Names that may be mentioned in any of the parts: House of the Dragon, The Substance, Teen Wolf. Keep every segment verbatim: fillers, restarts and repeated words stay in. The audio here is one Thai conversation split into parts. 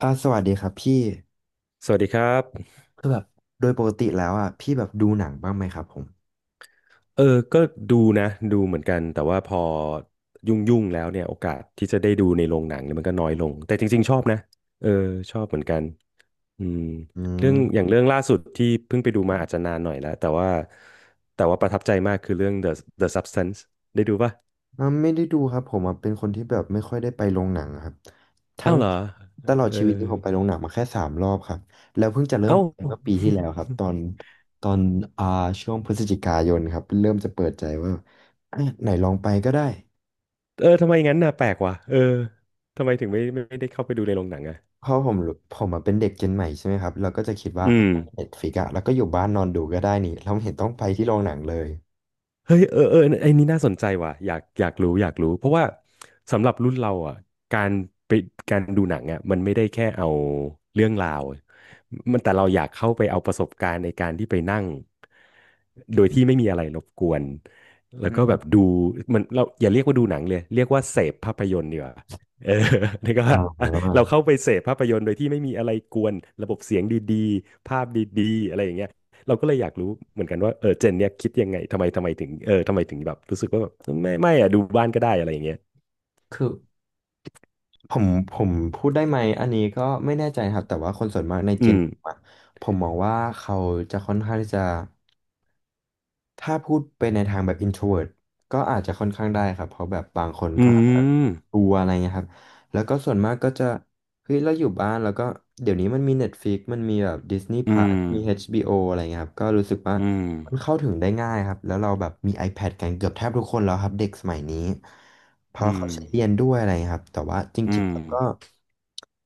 อ่าสวัสดีครับพี่สวัสดีครับคือแบบโดยปกติแล้วอ่ะพี่แบบดูหนังบ้างไหมครับผมเออก็ดูนะดูเหมือนกันแต่ว่าพอยุ่งๆแล้วเนี่ยโอกาสที่จะได้ดูในโรงหนังเนี่ยมันก็น้อยลงแต่จริงๆชอบนะเออชอบเหมือนกันอืมอืเรื่มองอย่างเรื่องล่าสุดที่เพิ่งไปดูมาอาจจะนานหน่อยแล้วแต่ว่าแต่ว่าประทับใจมากคือเรื่อง The The Substance ได้ดูป่ะอ่าไม่ได้ดูครับผมอ่ะเป็นคนที่แบบไม่ค่อยได้ไปโรงหนังครับทั้อ้างวเหรอตลอดเออชีวิตนี้ผมไปโรงหนังมาแค่สามรอบครับแล้วเพิ่งจะเริ่มเอ้า ไปเมื่อปี ที่แล้วครับตอนตอนอ่าช่วงพฤศจิกายนครับเริ่มจะเปิดใจว่าอ่ะไหนลองไปก็ได้เออทำไมงั้นน่ะแปลกว่ะเออทำไมถึงไม่ไม่ได้เข้าไปดูในโรงหนังอ่ะเพราะผมรู้ผมอะเป็นเด็กเจนใหม่ใช่ไหมครับเราก็จะคิดว่าอืม เน็ตฟลิกอะแล้วก็อยู่บ้านนอนดูก็ได้นี่เราไม่เห็นต้องไปที่โรงหนังเลยเฮ้ยเออเออไอ้นี่น่าสนใจว่ะอยากอยากรู้อยากรู้เพราะว่าสำหรับรุ่นเราอ่ะการไปการดูหนังอ่ะมันไม่ได้แค่เอาเรื่องราวมันแต่เราอยากเข้าไปเอาประสบการณ์ในการที่ไปนั่งโดยที่ไม่มีอะไรรบกวนแล้อืวก็แบบมดูมันเราอย่าเรียกว่าดูหนังเลยเรียกว่าเสพภาพยนตร์ดีกว่าเออ นี่ก็อ่า ว่าเราเข้าไปเสพภาพยนตร์โดยที่ไม่มีอะไรกวนระบบเสียงดีๆภาพดีๆอะไรอย่างเงี้ย เราก็เลยอยากรู้เหมือนกันว่าเออเจนเนี่ยคิดยังไงทำไมทำไมถึงเออทำไมถึงแบบรู้สึกว่าแบบไม่ไม่อะดูบ้านก็ได้อะไรอย่างเงี้ยคือผมผมพูดได้ไหมอันนี้ก็ไม่แน่ใจครับแต่ว่าคนส่วนมากในเจอืนมผมอะผมมองว่าเขาจะค่อนข้างที่จะถ้าพูดไปในทางแบบ introvert ก็อาจจะค่อนข้างได้ครับเพราะแบบบางคนอืก็ มดูอะไรเงี้ยครับแล้วก็ส่วนมากก็จะเฮ้ยเราอยู่บ้านแล้วก็เดี๋ยวนี้มันมี Netflix มันมีแบบ Disney อืม Plus มี เอช บี โอ อชบีโออะไรเงี้ยครับก็รู้สึกว่าอืมมันเข้าถึงได้ง่ายครับแล้วเราแบบมี iPad กันเกือบแทบทุกคนแล้วครับเด็กสมัยนี้เพราะอืเขามใช้เรียนด้วยอะไรเงี้ยครับแต่ว่าจอืริงมๆแล้วก็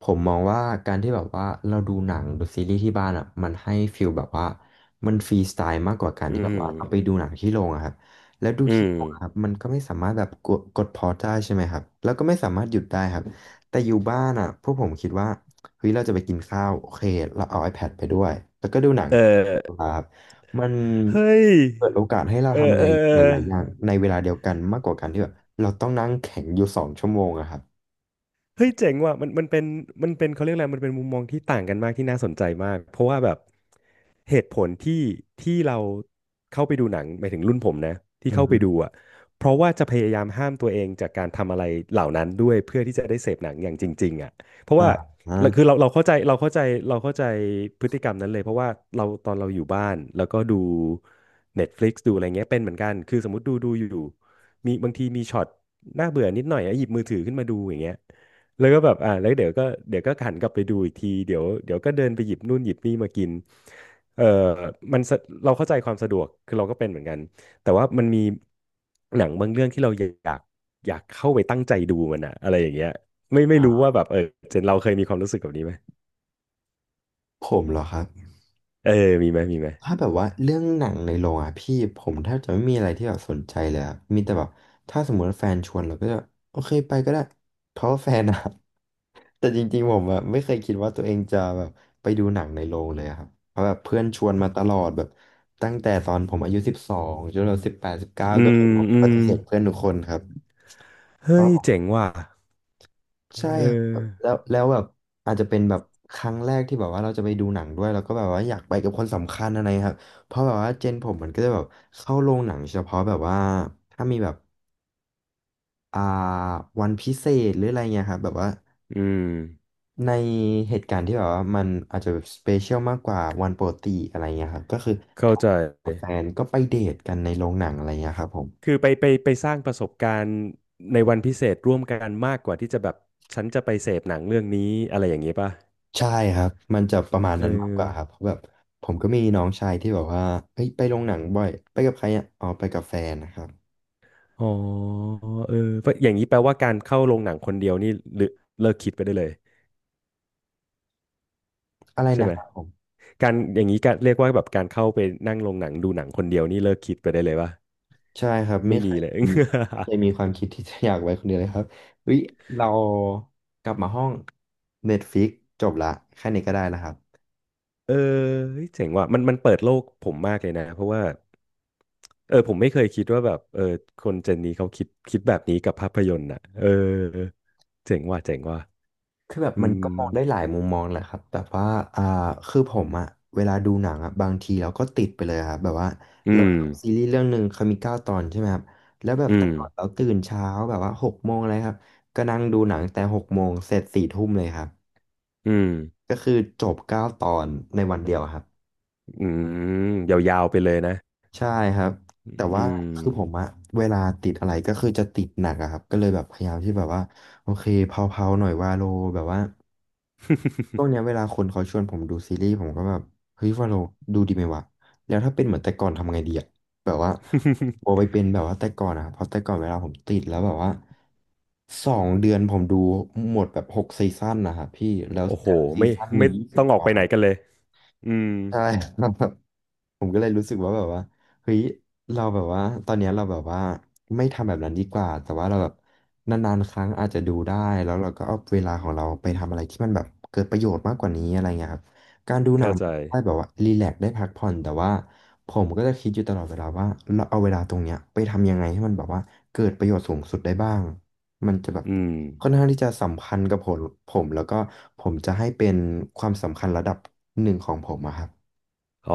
ผมมองว่าการที่แบบว่าเราดูหนังดูซีรีส์ที่บ้านอ่ะมันให้ฟีลแบบว่ามันฟรีสไตล์มากกว่าการอืที่แบบว่าเราไปมดูหนังที่โรงอะครับ แล้วดูอืที่มออกครับมันก็ไม่สามารถแบบกดกดพอได้ใช่ไหมครับแล้วก็ไม่สามารถหยุดได้ครับแต่อยู่บ้านอ่ะพวกผมคิดว่าเฮ้ยเราจะไปกินข้าวโอเคเราเอา iPad ไปด้วยแล้วก็ดูหนังเออครับมันเฮ้ยเปิดโอกาสให้เราเอทำออะเอไรอ หลายๆอย่างในเวลาเดียวกันมากกว่าการที่แบบเราต้องนั่งแข็งอยู่สองชั่วโมงอะครับเฮ้ยเจ๋งว่ะมันมันเป็นมันเป็นเขาเรียกอะไรมันเป็นมุมมองที่ต่างกันมากที่น่าสนใจมากเพราะว่าแบบเหตุผลที่ที่เราเข้าไปดูหนังหมายถึงรุ่นผมนะที่อืเข้าไปดูมอ่ะเพราะว่าจะพยายามห้ามตัวเองจากการทำอะไรเหล่านั้นด้วยเพื่อที่จะได้เสพหนังอย่างจริงๆอ่ะเพราะอ่าว่าคืออเราเราเข้าใจเราเข้าใจเราเข้าใจพฤติกรรมนั้นเลยเพราะว่าเราตอนเราอยู่บ้านแล้วก็ดู Netflix ดูอะไรเงี้ยเป็นเหมือนกันคือสมมติดูดูอยู่มีบางทีมีช็อตน่าเบื่อนิดหน่อยอะหยิบมือถือขึ้นมาดูอย่างเงี้ย แล้วก็แบบอ่าแล้วเดี๋ยวก็เดี๋ยวก็หันกลับไปดูอีกทีเดี๋ยวเดี๋ยวก็เดินไปหยิบนู่นหยิบนี่มากินเออมันสะเราเข้าใจความสะดวกคือเราก็เป็นเหมือนกันแต่ว่ามันมีหนังบางเรื่องที่เราอยากอยากเข้าไปตั้งใจดูมันอะอะไรอย่างเงี้ยไม่ไม่รู้่าว่าแบบเออเจนเราเคยมีความรู้สึกแบบนี้ไหมผมเหรอครับ เออมีไหมมีไหมถ้าแบบว่าเรื่องหนังในโรงอ่ะพี่ผมแทบจะไม่มีอะไรที่แบบสนใจเลยอะมีแต่แบบถ้าสมมติว่าแฟนชวนเราก็จะโอเคไปก็ได้เพราะว่าแฟนอะ แต่จริงๆผมอะไม่เคยคิดว่าตัวเองจะแบบไปดูหนังในโรงเลยอะครับเพราะแบบเพื่อนชวนมาตลอดแบบตั้งแต่ตอนผมอายุสิบสองจนเราสิบแปดสิบเก้าอืก็มคือผมอืปมฏิเสธเพื่อนทุกคนครับ เฮ้ยเจ๋งว่ะใช่เออครับแล้วแล้วแบบอาจจะเป็นแบบครั้งแรกที่แบบว่าเราจะไปดูหนังด้วยแล้วก็แบบว่าอยากไปกับคนสำคัญอะไรครับเพราะแบบว่าเจนผมมันก็จะแบบเข้าโรงหนังเฉพาะแบบว่าถ้ามีแบบอ่าวันพิเศษหรืออะไรเงี้ยครับแบบว่าอืมในเหตุการณ์ที่แบบว่ามันอาจจะสเปเชียลมากกว่าวันปกติอะไรเงี้ยครับก็คือเข้าถ้ใจ าแฟนก็ไปเดทกันในโรงหนังอะไรเงี้ยครับผม คือไปไปไปสร้างประสบการณ์ในวันพิเศษร่วมกันมากกว่าที่จะแบบฉันจะไปเสพหนังเรื่องนี้อะไรอย่างนี้ป่ะใช่ครับ มันจะประมาณเออนั้นมากกว่าครับเพราะแบบผมก็มีน้องชายที่แบบว่าเฮ้ยไปโรงหนังบ่อย ไปกับใครอ่ะอ๋อไปกับแฟนนะครับ อ๋อเออเพราะอย่างนี้แปลว่าการเข้าโรงหนังคนเดียวนี่หรือเลิกคิดไปได้เลยอะไรใช่นะไหมครับผม การอย่างนี้ก็เรียกว่าแบบการเข้าไปนั่งโรงหนังดูหนังคนเดียวนี่เลิกคิดไปได้เลยป่ะใช่ครับไม่ไม่เคมียเลย มีไม่เคยมีความคิดที่จะอยากไว้คนเดียวเลยครับเฮ้ยเรากลับมาห้อง Netflix จบละแค่นี้ก็ได้แล้วครับ เออเฮ้ยเจ๋งว่ะมันมันเปิดโลกผมมากเลยนะเพราะว่าเออผมไม่เคยคิดว่าแบบเออคนเจนนี้เขาคิดคิดแบบนี้กับภาพยนตร์อ่ะเออเจ๋งว่ะเจ๋งว่ะคือแบบอืมันมก็มองได้หลายมุมมองแหละครับแบบว่าอ่าคือผมอะเวลาดูหนังอะบางทีเราก็ติดไปเลยครับแบบว่าอืเรามซีรีส์เรื่องหนึ่งเขามีเก้าตอนใช่ไหมครับแล้วแบบอืแต่มก่อนเราตื่นเช้าแบบว่าหกโมงเลยครับก็นั่งดูหนังแต่หกโมงเสร็จสี่ทุ่มเลยครับอืมก็คือจบเก้าตอนในวันเดียวครับอืมยาวๆไปเลยนะใช่ครับแต่อืว่าม คือผมอะเวลาติดอะไรก็คือจะติดหนักอะครับก็เลยแบบพยายามที่แบบว่าโอเคเผาๆหน่อยวาโลแบบว่า ช่วงเนี้ยเวลาคนเขาชวนผมดูซีรีส์ผมก็แบบเฮ้ยวาโลดูดีไหมวะแล้วถ้าเป็นเหมือนแต่ก่อนทำไงดีอะแบบว่าโอไป เป็นแบบว่าแต่ก่อนอะเพราะแต่ก่อนเวลาผมติดแล้วแบบว่าสองเดือนผมดูหมดแบบหกซีซั่นนะครับพี่แล้วโอ้โหแต่ละซีไม่ซั่นมีไม่ยี่สิบต้องอตอกไปอนไหนกันเลยอืมใช่ ผมก็เลยรู้สึกว่าแบบว่าเฮ้ยเราแบบว่าตอนเนี้ยเราแบบว่าไม่ทำแบบนั้นดีกว่าแต่ว่าเราแบบนานๆครั้งอาจจะดูได้แล้วเราก็เอาเวลาของเราไปทำอะไรที่มันแบบเกิดประโยชน์มากกว่านี้อะไรเงี้ยครับการดูหนัเข้างใจได้แบบว่ารีแลกซ์ได้พักผ่อนแต่ว่าผมก็จะคิดอยู่ตลอดเวลาว่าเราเอาเวลาตรงเนี้ยไปทำยังไงให้มันแบบว่าเกิดประโยชน์สูงสุดได้บ้างมันจะแบบอืม ค่อนข้างที่จะสัมพันธ์กับผมผมแล้วก็ผมจะให้เป็นความสำคัญระดับหนึ่งของผมอะครับ อ๋อ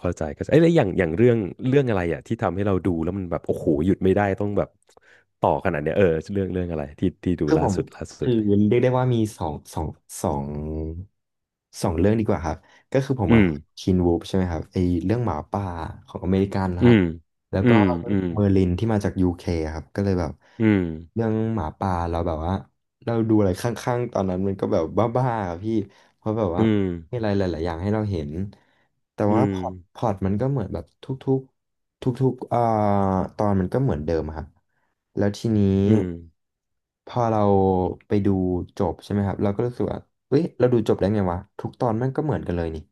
เข้าใจเข้าใจเอ้ยแล้วอย่างอย่างเรื่องเรื่องอะไรอ่ะที่ทำให้เราดูแล้วมันแบบโอ้โหหยุดไม่ได้ต้องแบบต่อขนาดเนี้ยเออเรื่องเรื่องอะไรที่ที่ดูคือล่าผมสุดล่าสุคืดอเลยเรียกได้ว่ามีสองสองสองสองเรื่องดีกว่าครับก็คือผมอือะมคินวูฟใช่ไหมครับไอเรื่องหมาป่าของอเมริกันนะอืครับมแล้วอืก็มอืมเมอร์ลินที่มาจากยูเคครับก็เลยแบบอืมเรื่องหมาป่าเราแบบว่าเราดูอะไรข้างๆตอนนั้นมันก็แบบบ้าๆอะพี่เพราะแบบว่าอืมมีอะไรหลายๆอย่างให้เราเห็นแต่อืว่ามพอร์ตพอร์ตมันก็เหมือนแบบทุกๆทุกๆเอ่อตอนมันก็เหมือนเดิมอะครับ แล้วทีนี้อืมพอเราไปดูจบใช่ไหมครับเราก็รู้สึกว่าเฮ้ยเราดูจบได้ไงวะทุกตอนมันก็เหมือนกันเลยนี่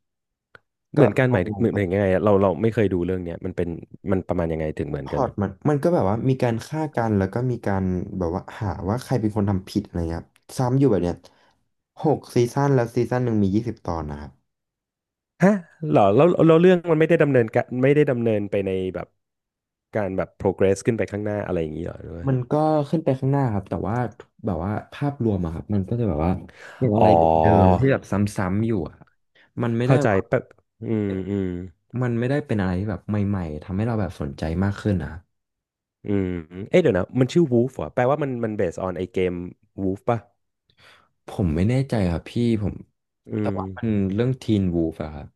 เหก็มือนกันหเอามายลงเหมือไปนยังไงอะเราเราไม่เคยดูเรื่องเนี้ยมันเป็นมันประมาณยังไงถึงเหมือพนกัอนดมันมันก็แบบว่ามีการฆ่ากันแล้วก็มีการแบบว่าหาว่าใครเป็นคนทำผิดอะไรเงี้ยครับซ้ำอยู่แบบเนี้ยหกซีซั่นแล้วซีซั่นหนึ่งมียี่สิบตอนนะครับฮะเหรอแล้วแล้วเรื่องมันไม่ได้ดำเนินการไม่ได้ดำเนินไปในแบบการแบบ progress ขึ้นไปข้างหน้าอะไรอย่างนี้เหรอหรือว่ามันก็ขึ้นไปข้างหน้าครับแต่ว่าแบบว่าภาพรวมอะครับมันก็จะแบบว่าเป็นอะอ๋ไรอ เดิมๆที่แบบซ้ำๆอยู่อะครับมันไม่ได้ เข้าใจแป๊บอืมอืมมันไม่ได้เป็นอะไรที่แบบใหม่ๆทำให้เราแบบสนใจมากขึ้นนะครับอืมเอ๊ะเดี๋ยวนะ มันชื่อ Wolf เหรอแปลว่ามันมัน based on ไอเกม Wolf ป่ะผมไม่แน่ใจครับพี่ผมอืแต่ม ว่ามันเรื่องทีนวูฟอะครับ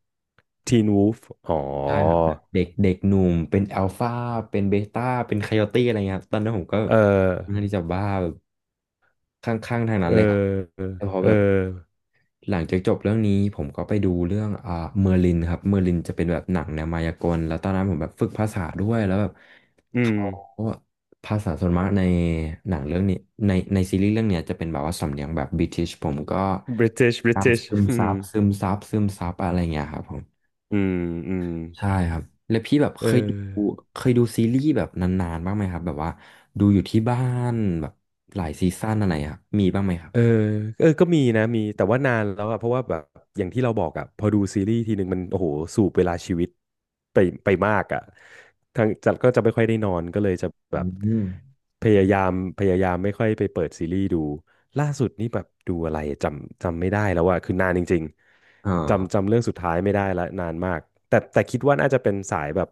Teen Wolf อ๋อ ใช่ครับแบบเด็กเด็กหนุ่มเป็นอัลฟาเป็นเบต้าเป็นไคโอตี้อะไรเงี้ยครับตอนนั้นผมก็เออค่อนข้างที่จะบ้า เออแต่พอเอแบบอหลังจากจบเรื่องนี้ผมก็ไปดูเรื่องอ่าเมอร์ลินครับเมอร์ลินจะเป็นแบบหนังแนวมายากลแล้วตอนนั้นผมแบบฝึกภาษาด้วยแล้วแบบอืม เขาภาษาส่วนมากในหนังเรื่องนี้ในในซีรีส์เรื่องเนี้ยจะเป็นแบบว่าสำเนียงแบบบริติชผมก็ British ตาม British ซึมอืซัมบซึมซับซึมซับอะไรเงี้ยครับผมอืมอืมใช่ครับแล้วพี่แบบเคเอยดูอ เคยดูซีรีส์แบบนานๆบ้างไหมครับแบบว่าดูอยู่ที่บ้านแบบหลายซีซั่นอะไรครับมีบ้างไหมครับเออเออก็มีนะมีแต่ว่านานแล้วอะเพราะว่าแบบอย่างที่เราบอกอะพอดูซีรีส์ทีหนึ่งมันโอ้โหสูบเวลาชีวิตไปไปมากอะทางจัดก็จะไม่ค่อยได้นอนก็เลยจะอืแบบมพยายามพยายามไม่ค่อยไปเปิดซีรีส์ดูล่าสุดนี่แบบดูอะไรจำจำไม่ได้แล้วอะคือนานจริงอ่ๆจำา จำเรื่องสุดท้ายไม่ได้ละนานมากแต่แต่คิดว่าน่าจะเป็นสายแบบ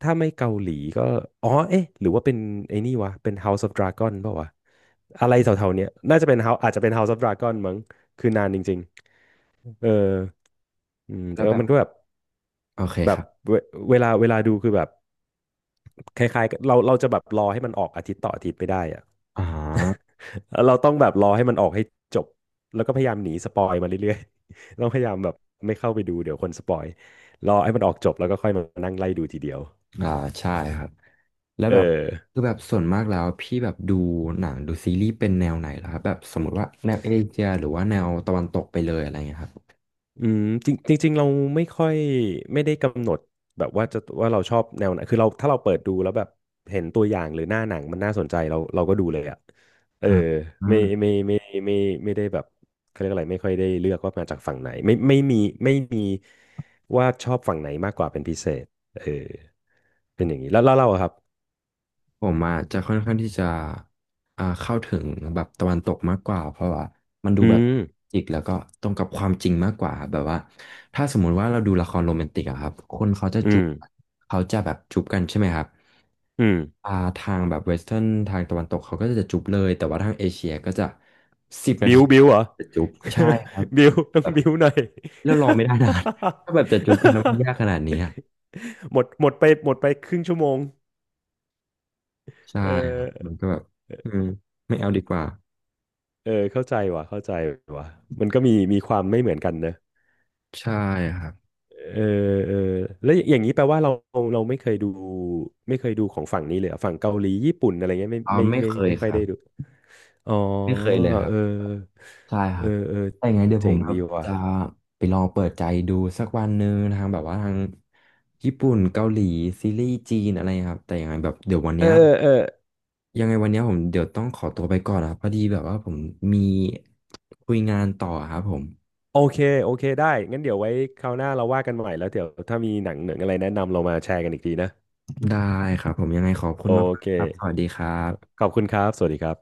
ถ้าไม่เกาหลีก็อ๋อเอ๊ะหรือว่าเป็นไอ้นี่วะเป็น House of Dragon เปล่าวะอะไรแถวๆเนี้ยน่าจะเป็น House อาจจะเป็น House of Dragon มั้งคือนานจริงๆเอออืมแล้เอวอแบบมันก็แบบโอเคแบคบรับเวเวลาเวลาดูคือแบบคล้ายๆกับเราเราจะแบบรอให้มันออกอาทิตย์ต่ออาทิตย์ไม่ได้อะ อ่าเราต้องแบบรอให้มันออกให้จบแล้วก็พยายามหนีสปอยมาเรื่อยๆ ต้องพยายามแบบไม่เข้าไปดูเดี๋ยวคนสปอยรอให้มันออกจบแล้วก็ค่อยมานั่งไล่ดูทีเดียวอ่าใช่ครับแล้วเอแบบอ คือแบบส่วนมากแล้วพี่แบบดูหนังดูซีรีส์เป็นแนวไหนเหรอครับแบบสมมติว่าแนวเอเชียหรือว่าแนวตะวันตกไปเลยอะไรเงี้ยครับอืมจริงจริงๆเราไม่ค่อยไม่ได้กำหนดแบบว่าจะว่าเราชอบแนวไหนคือเราถ้าเราเปิดดูแล้วแบบเห็นตัวอย่างหรือหน้าหนังมันน่าสนใจเราเราก็ดูเลยอ่ะเอออ่าอืไม่มไม่ไม่ไม่ไม่ไม่ได้แบบเขาเรียกอะไรไม่ค่อยได้เลือกว่ามาจากฝั่งไหนไม่ไม่มีไม่มีว่าชอบฝั่งไหนมากกว่าเป็นพิเศษเออเป็นอย่างนี้แล้วแล้วเราอะครับผมอ่ะจะค่อนข้างที่จะอ่าเข้าถึงแบบตะวันตกมากกว่าเพราะว่ามันดูอืแบบมจริกแล้วก็ตรงกับความจริงมากกว่าแบบว่าถ้าสมมุติว่าเราดูละครโรแมนติกอะครับคนเขาจะอืจูบมเขาจะแบบจูบกันใช่ไหมครับ อืมอ่าทางแบบเวสเทิร์นทางตะวันตกเขาก็จะจุบเลยแต่ว่าทางเอเชียก็จะสิบนาบิทีวบิวเหรอ จะจุบใช่ครับ บิวต้อแบงบบิวหน่อย แล้วรอไม่ได้นาน ถ้าแบบจะจุบกันแล้วมันยากข นาดนี้อะ หมดหมดไปหมดไปครึ่งชั่วโมง ใช่เอครับมันอก็แบบอืมไม่เอาดีกว่าเออเข้าใจว่ะเข้าใจว่ะมันก็มีมีความไม่เหมือนกันเนอะใช่ครับเออเออแล้วอย่างนี้แปลว่าเราเราไม่เคยดูไม่เคยดูของฝั่งนี้เลยเหรอฝั่งเกาหลีญี่ปุ่นอะไรเงี้ยไม่อ่าไม่ไม่ไม่เคยไม่ค่คอยรัได้บดูอ๋อไม่เคยเลยครัเอบ อใช่คเอรัอบ เออแต่ยังไงเดี๋ยวผเจ๋มงแบดีบว่ะจะไปลองเปิดใจดูสักวันหนึ่งทางแบบว่าทางญี่ปุ่นเกาหลีซีรีส์จีนอะไรครับแต่ยังไงแบบเดี๋ยววันเอเนี้อยเออยังไงวันเนี้ยผมเดี๋ยวต้องขอตัวไปก่อนนะครับพอดีแบบว่าผมมีคุยงานต่อครับผมโอเคโอเคได้งั้นเดี๋ยวไว้คราวหน้าเราว่ากันใหม่แล้วเดี๋ยวถ้ามีหนังหนังอะไรแนะนำเรามาแชร์กันอีกทีนะได้ครับผมยังไงขอบคุโอณมากเคๆครับสวัสดีครัขบอบคุณครับสวัสดีครับ